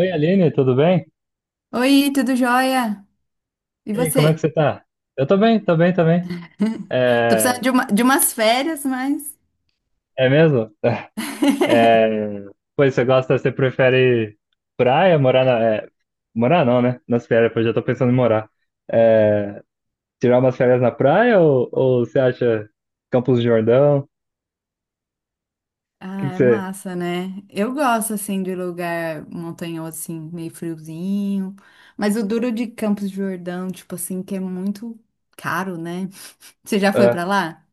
Oi, Aline, tudo bem? Oi, tudo jóia? E E aí, como é que você? você tá? Eu tô bem, tô bem, tô bem. Tô precisando É, de, uma- de umas férias, mas. é mesmo? É, pois você prefere praia, Morar não, né? Nas férias, pois já tô pensando em morar. É, tirar umas férias na praia ou você acha Campos do Jordão? O que Ah, que é você... massa, né? Eu gosto, assim, de lugar montanhoso, assim, meio friozinho. Mas o duro de Campos de Jordão, tipo assim, que é muito caro, né? Você já foi Ah, pra lá?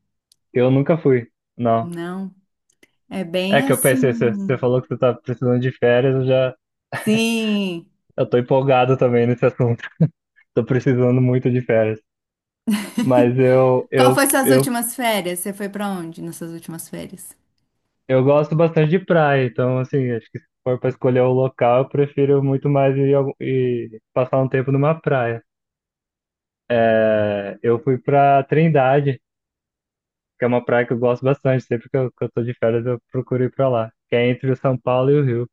eu nunca fui, não. Não. É É bem que eu pensei, você assim. falou que você tá precisando de férias, eu já. Sim. Eu tô empolgado também nesse assunto. Tô precisando muito de férias. Mas eu, Qual eu, foi suas eu, últimas férias? Você foi pra onde nessas últimas férias? eu gosto bastante de praia, então, assim, acho que se for para escolher o local, eu prefiro muito mais ir, ir passar um tempo numa praia. É, eu fui para Trindade, que é uma praia que eu gosto bastante, sempre que eu tô de férias eu procuro ir para lá, que é entre o São Paulo e o Rio.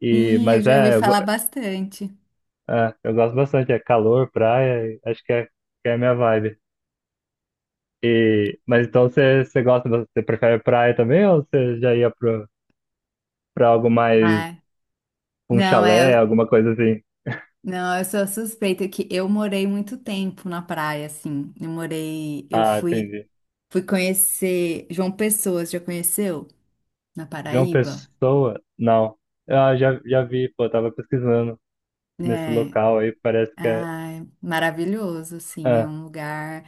E, Sim, eu mas já ouvi é eu, go- falar bastante. Eu gosto bastante, é calor, praia, e acho que é a minha vibe. E, mas então você gosta, você prefere praia também ou você já ia para algo mais. Ah, Um não, chalé, é. alguma coisa assim. Não, eu sou suspeita que eu morei muito tempo na praia, assim. Eu morei, eu Ah, fui, entendi. fui conhecer João Pessoa, você já conheceu? Na João Paraíba. Pessoa? Não. Ah, já, já vi, pô, tava pesquisando nesse É, local aí, parece que é. ai, maravilhoso, assim, é Ah, um lugar.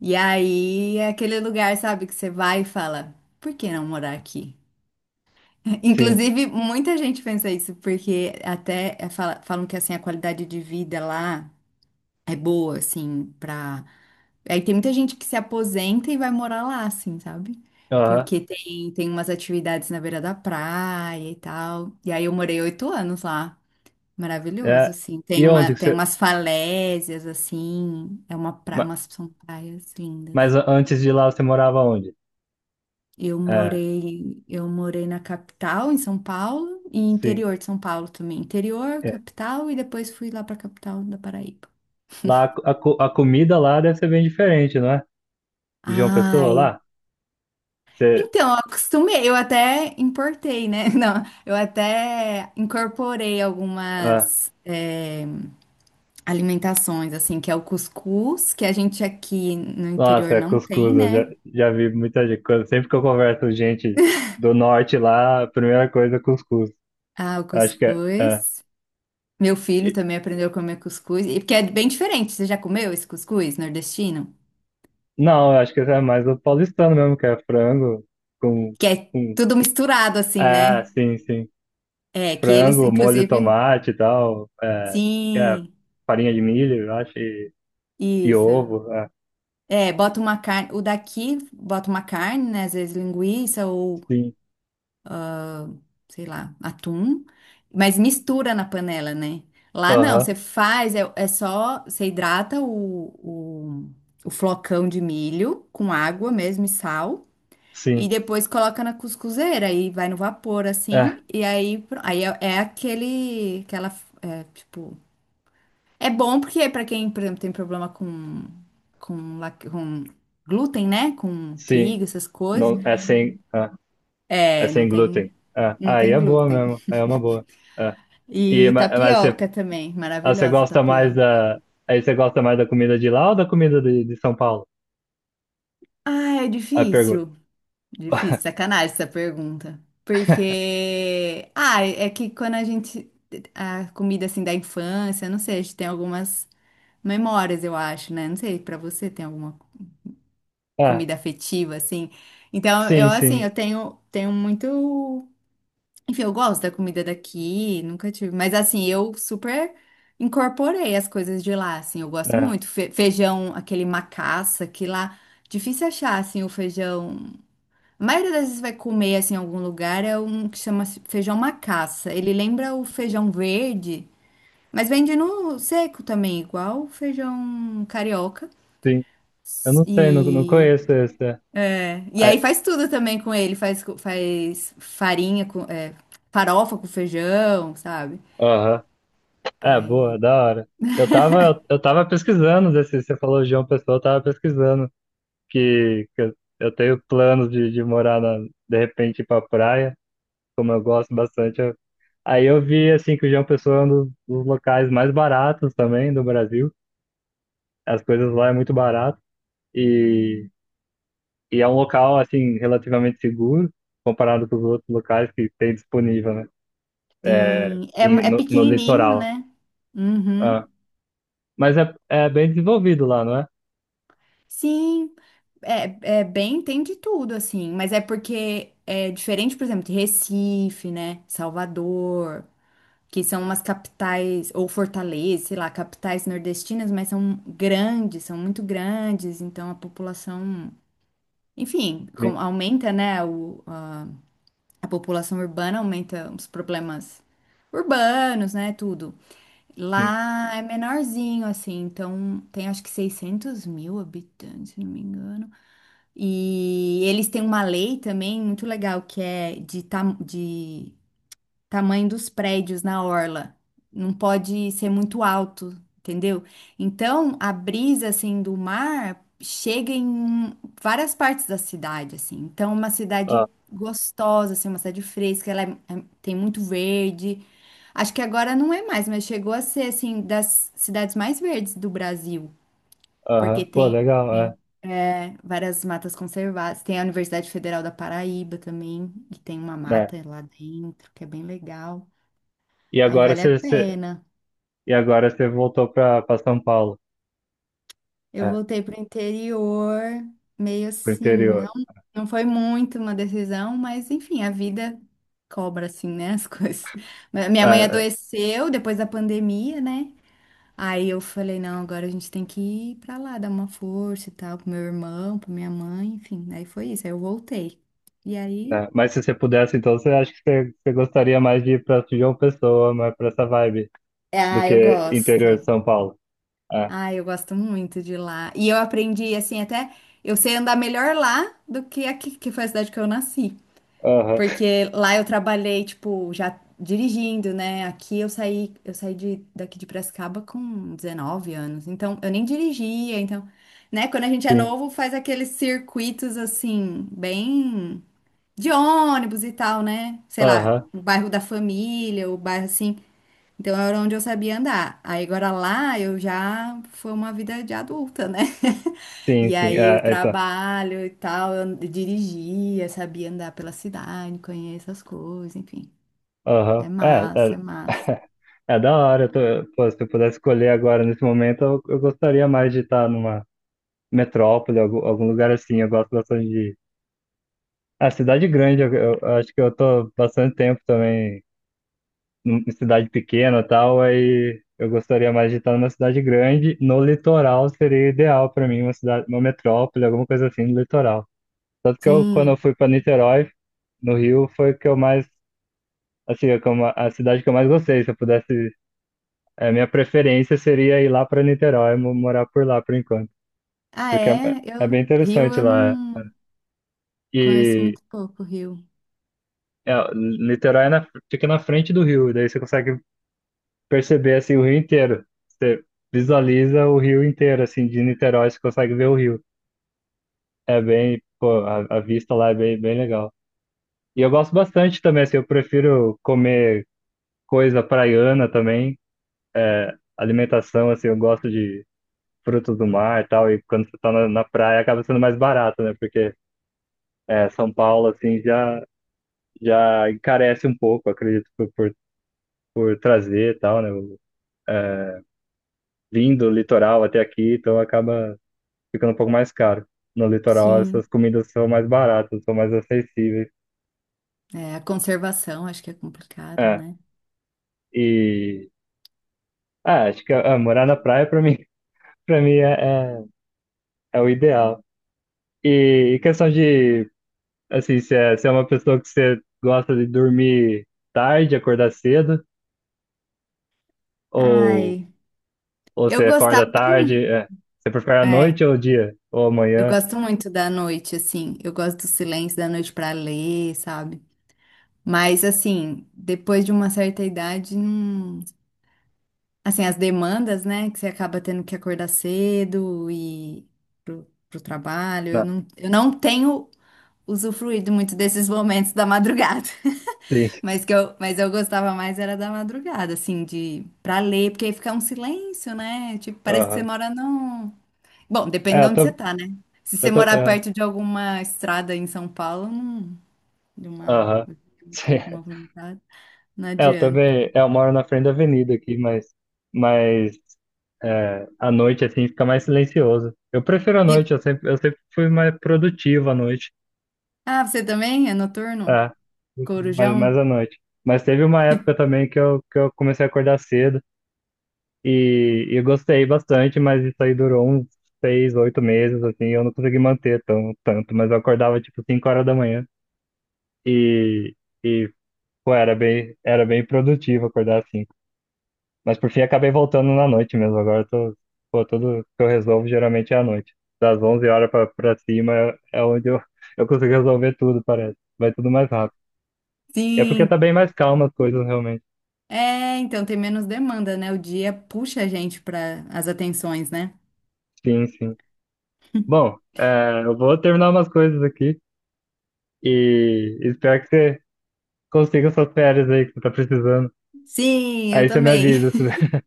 E aí é aquele lugar, sabe, que você vai e fala, por que não morar aqui? sim. Inclusive, muita gente pensa isso, porque até é, falam que assim a qualidade de vida lá é boa, assim, para. Aí tem muita gente que se aposenta e vai morar lá, assim, sabe? Aham. Porque tem umas atividades na beira da praia e tal. E aí eu morei 8 anos lá. Maravilhoso, É. assim. E onde que Tem você. umas falésias, assim. É ma- umas são praias lindas. Mas antes de lá você morava onde? É, Eu morei na capital, em São Paulo, e sim. interior de São Paulo também. Interior, É. capital, e depois fui lá pra capital da Paraíba. Lá a comida lá deve ser bem diferente, não é? De João Pessoa Ai, lá? Você. então, eu acostumei, eu até importei, né? Não, eu até incorporei Ah, algumas alimentações, assim, que é o cuscuz, que a gente aqui no nossa, interior é não tem, cuscuz, eu já, né? já vi muita gente. Sempre que eu converso com gente do norte lá, a primeira coisa é cuscuz. Ah, o Acho que é. cuscuz. Meu filho também aprendeu a comer cuscuz, e porque é bem diferente. Você já comeu esse cuscuz nordestino? Não, eu acho que esse é mais o paulistano mesmo, que é frango com, Que é com. tudo misturado, assim, É, né? sim, sim. É, que eles, Frango, molho, inclusive. tomate e tal. É, é, Sim, farinha de milho, eu acho, e isso. ovo. É, É, bota uma carne, o daqui bota uma carne, né? Às vezes linguiça ou, sim, sei lá, atum, mas mistura na panela, né? Lá não, aham, você faz, é, é só, você hidrata o flocão de milho com água mesmo e sal, e sim. depois coloca na cuscuzeira e vai no vapor É, assim, e aí, aí é, é aquela, é, tipo, é bom porque para quem, por exemplo, tem problema com glúten, né? Com trigo, sim. essas coisas. Não, é sem, é, é É, não sem glúten. É, não aí tem é boa glúten. mesmo, aí é uma boa. É. E, E mas você, tapioca também, você maravilhosa gosta mais tapioca. da. Aí você gosta mais da comida de lá ou da comida de São Paulo? Ah, é A pergunta. difícil. Difícil, sacanagem essa pergunta. Porque, ah, é que quando a gente, a comida assim da infância, não sei, a gente tem algumas memórias, eu acho, né? Não sei, pra você tem alguma Ah, comida afetiva, assim. Então, eu, sim, assim, sim. eu tenho muito. Enfim, eu gosto da comida daqui, nunca tive. Mas, assim, eu super incorporei as coisas de lá, assim. Eu gosto É. muito. Feijão, aquele macaça, que lá. Difícil achar, assim, o feijão. A maioria das vezes vai comer, assim, em algum lugar, é um que chama feijão macaça. Ele lembra o feijão verde, mas vende no seco também, igual o feijão carioca. Sim. Eu não sei, não, não E conheço esse. E aí Aí, faz tudo também com ele, faz farinha com farofa com feijão, sabe? aham. É, Aí, boa, da hora. Eu tava pesquisando desse, você falou João Pessoa, eu tava pesquisando que eu tenho planos de morar na, de repente ir pra praia, como eu gosto bastante. Aí eu vi assim que o João Pessoa é um dos locais mais baratos também do Brasil. As coisas lá é muito barato e, e é um local assim relativamente seguro comparado com os outros locais que tem disponível, né? É, sim, é, e é no pequenininho, litoral. né? Uhum. Ah. Mas é bem desenvolvido lá, não é? Sim, é, é bem, tem de tudo, assim, mas é porque é diferente, por exemplo, de Recife, né? Salvador, que são umas capitais, ou Fortaleza, sei lá, capitais nordestinas, mas são grandes, são muito grandes, então a população, enfim, Sim, aumenta, né, a população urbana aumenta os problemas urbanos, né? Tudo. sim. Lá é menorzinho, assim, então tem acho que 600 mil habitantes, se não me engano. E eles têm uma lei também muito legal que é de, de tamanho dos prédios na orla. Não pode ser muito alto, entendeu? Então, a brisa assim do mar chega em várias partes da cidade assim. Então, uma cidade Ah, gostosa, assim, uma cidade fresca, ela tem muito verde. Acho que agora não é mais, mas chegou a ser assim das cidades mais verdes do Brasil, porque aham. Pô, tem, legal, é. tem é, várias matas conservadas. Tem a Universidade Federal da Paraíba também, que tem uma Né? mata lá dentro, que é bem legal. E Aí agora vale a você, você- pena. e agora você voltou para São Paulo, Eu é, voltei pro interior, meio pro assim, não, interior. não foi muito uma decisão, mas enfim, a vida cobra assim, né, as coisas. Mas minha É, mãe é, adoeceu depois da pandemia, né? Aí eu falei, não, agora a gente tem que ir pra lá, dar uma força e tal, pro meu irmão, pra minha mãe, enfim. Aí foi isso, aí eu voltei. E aí, né? Mas se você pudesse, então você acha que você gostaria mais de ir para João Pessoa, mais para essa vibe do ah, eu que gosto. interior de São Paulo? É. Ah, eu gosto muito de lá. E eu aprendi, assim, até eu sei andar melhor lá do que aqui, que foi a cidade que eu nasci. Aham, Porque lá eu trabalhei, tipo, já dirigindo, né? Aqui eu saí, daqui de Piracicaba com 19 anos. Então, eu nem dirigia, então, né? Quando a gente é sim. novo, faz aqueles circuitos assim, bem de ônibus e tal, né? Sei lá, Aham, o bairro da família, o bairro assim. Então era onde eu sabia andar. Aí agora lá eu já foi uma vida de adulta, né? sim, E sim. aí É, o é, então. trabalho e tal, eu dirigia, sabia andar pela cidade, conheço as coisas, enfim. É Aham. É, é. massa, é massa. É da hora. Pô, se eu pudesse escolher agora, nesse momento, eu gostaria mais de estar numa metrópole, algum lugar assim. Eu gosto bastante de. A cidade grande, eu acho que eu tô bastante tempo também em cidade pequena e tal, aí eu gostaria mais de estar numa cidade grande. No litoral seria ideal para mim, uma cidade, uma metrópole, alguma coisa assim no litoral. Tanto que eu, quando eu Sim. fui para Niterói, no Rio, foi que eu mais, assim, a cidade que eu mais gostei. Se eu pudesse, a minha preferência seria ir lá para Niterói, morar por lá por enquanto, Ah, porque é, é? é bem Eu, Rio interessante eu lá. não conheço E muito pouco, Rio. É, Niterói fica na frente do rio, e daí você consegue perceber assim o rio inteiro. Você visualiza o rio inteiro, assim, de Niterói, você consegue ver o rio. É bem, pô, a vista lá é bem, bem legal. E eu gosto bastante também, assim, eu prefiro comer coisa praiana também, alimentação, assim, eu gosto de frutos do mar e tal, e quando você tá na praia acaba sendo mais barato, né? Porque São Paulo, assim, já encarece um pouco, acredito, por trazer e tal, né? É, vindo do litoral até aqui, então acaba ficando um pouco mais caro. No litoral, Sim. essas comidas são mais baratas, são mais acessíveis. É, a conservação acho que é complicado, É, né? e acho que morar na praia para mim, para mim é, é o ideal. E questão de assim, se é uma pessoa que você gosta de dormir tarde, acordar cedo, ou, Ai, ou eu você gostava acorda muito. tarde, você prefere a É. noite ou o dia? Ou Eu amanhã? gosto muito da noite, assim. Eu gosto do silêncio da noite pra ler, sabe? Mas, assim, depois de uma certa idade, não... assim, as demandas, né? Que você acaba tendo que acordar cedo e pro, pro trabalho. Não, Eu não tenho usufruído muito desses momentos da madrugada. sim. Mas que eu, mas eu gostava mais era da madrugada, assim, de pra ler, porque aí fica um silêncio, né? Tipo, parece que você Aham. mora num. Bom, depende É, de eu onde você tô, tá, né? Se você eu tô, morar é, perto de alguma estrada em São Paulo, de uma aham. muito Sim. movimentada, não É, eu adianta. também, eu moro na frente da avenida aqui, mas à noite, assim, fica mais silencioso. Eu prefiro à E noite, eu sempre fui mais produtivo à noite. ah, você também é noturno? É, prefiro mais Corujão? à noite. Mas teve uma época também que eu comecei a acordar cedo e eu gostei bastante, mas isso aí durou uns seis, oito meses, assim, eu não consegui manter tão, tanto, mas eu acordava tipo 5 horas da manhã e, e pô, era bem produtivo acordar assim. Mas por fim acabei voltando na noite mesmo. Agora pô, tudo que eu resolvo geralmente é à noite. Das 11 horas pra cima é onde eu consigo resolver tudo, parece. Vai tudo mais rápido. É porque tá Sim. bem mais calma as coisas, realmente. É, então tem menos demanda, né? O dia puxa a gente para as atenções, né? Sim, sim. Bom, eu vou terminar umas coisas aqui e espero que você consiga suas férias aí que você tá precisando. Sim, eu Aí você me também. avisa.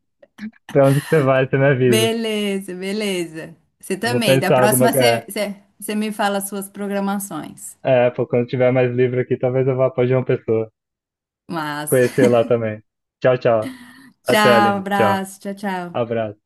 Pra onde que você vai, você me avisa. Beleza, beleza. Você Eu vou também. Da pensar alguma. próxima É, você me fala as suas programações. é, pô, quando tiver mais livre aqui, talvez eu vá pra João Pessoa. Mas, Conhecer lá também. Tchau, tchau. Até, tchau, Aline. Tchau. abraço, tchau, tchau. Abraço.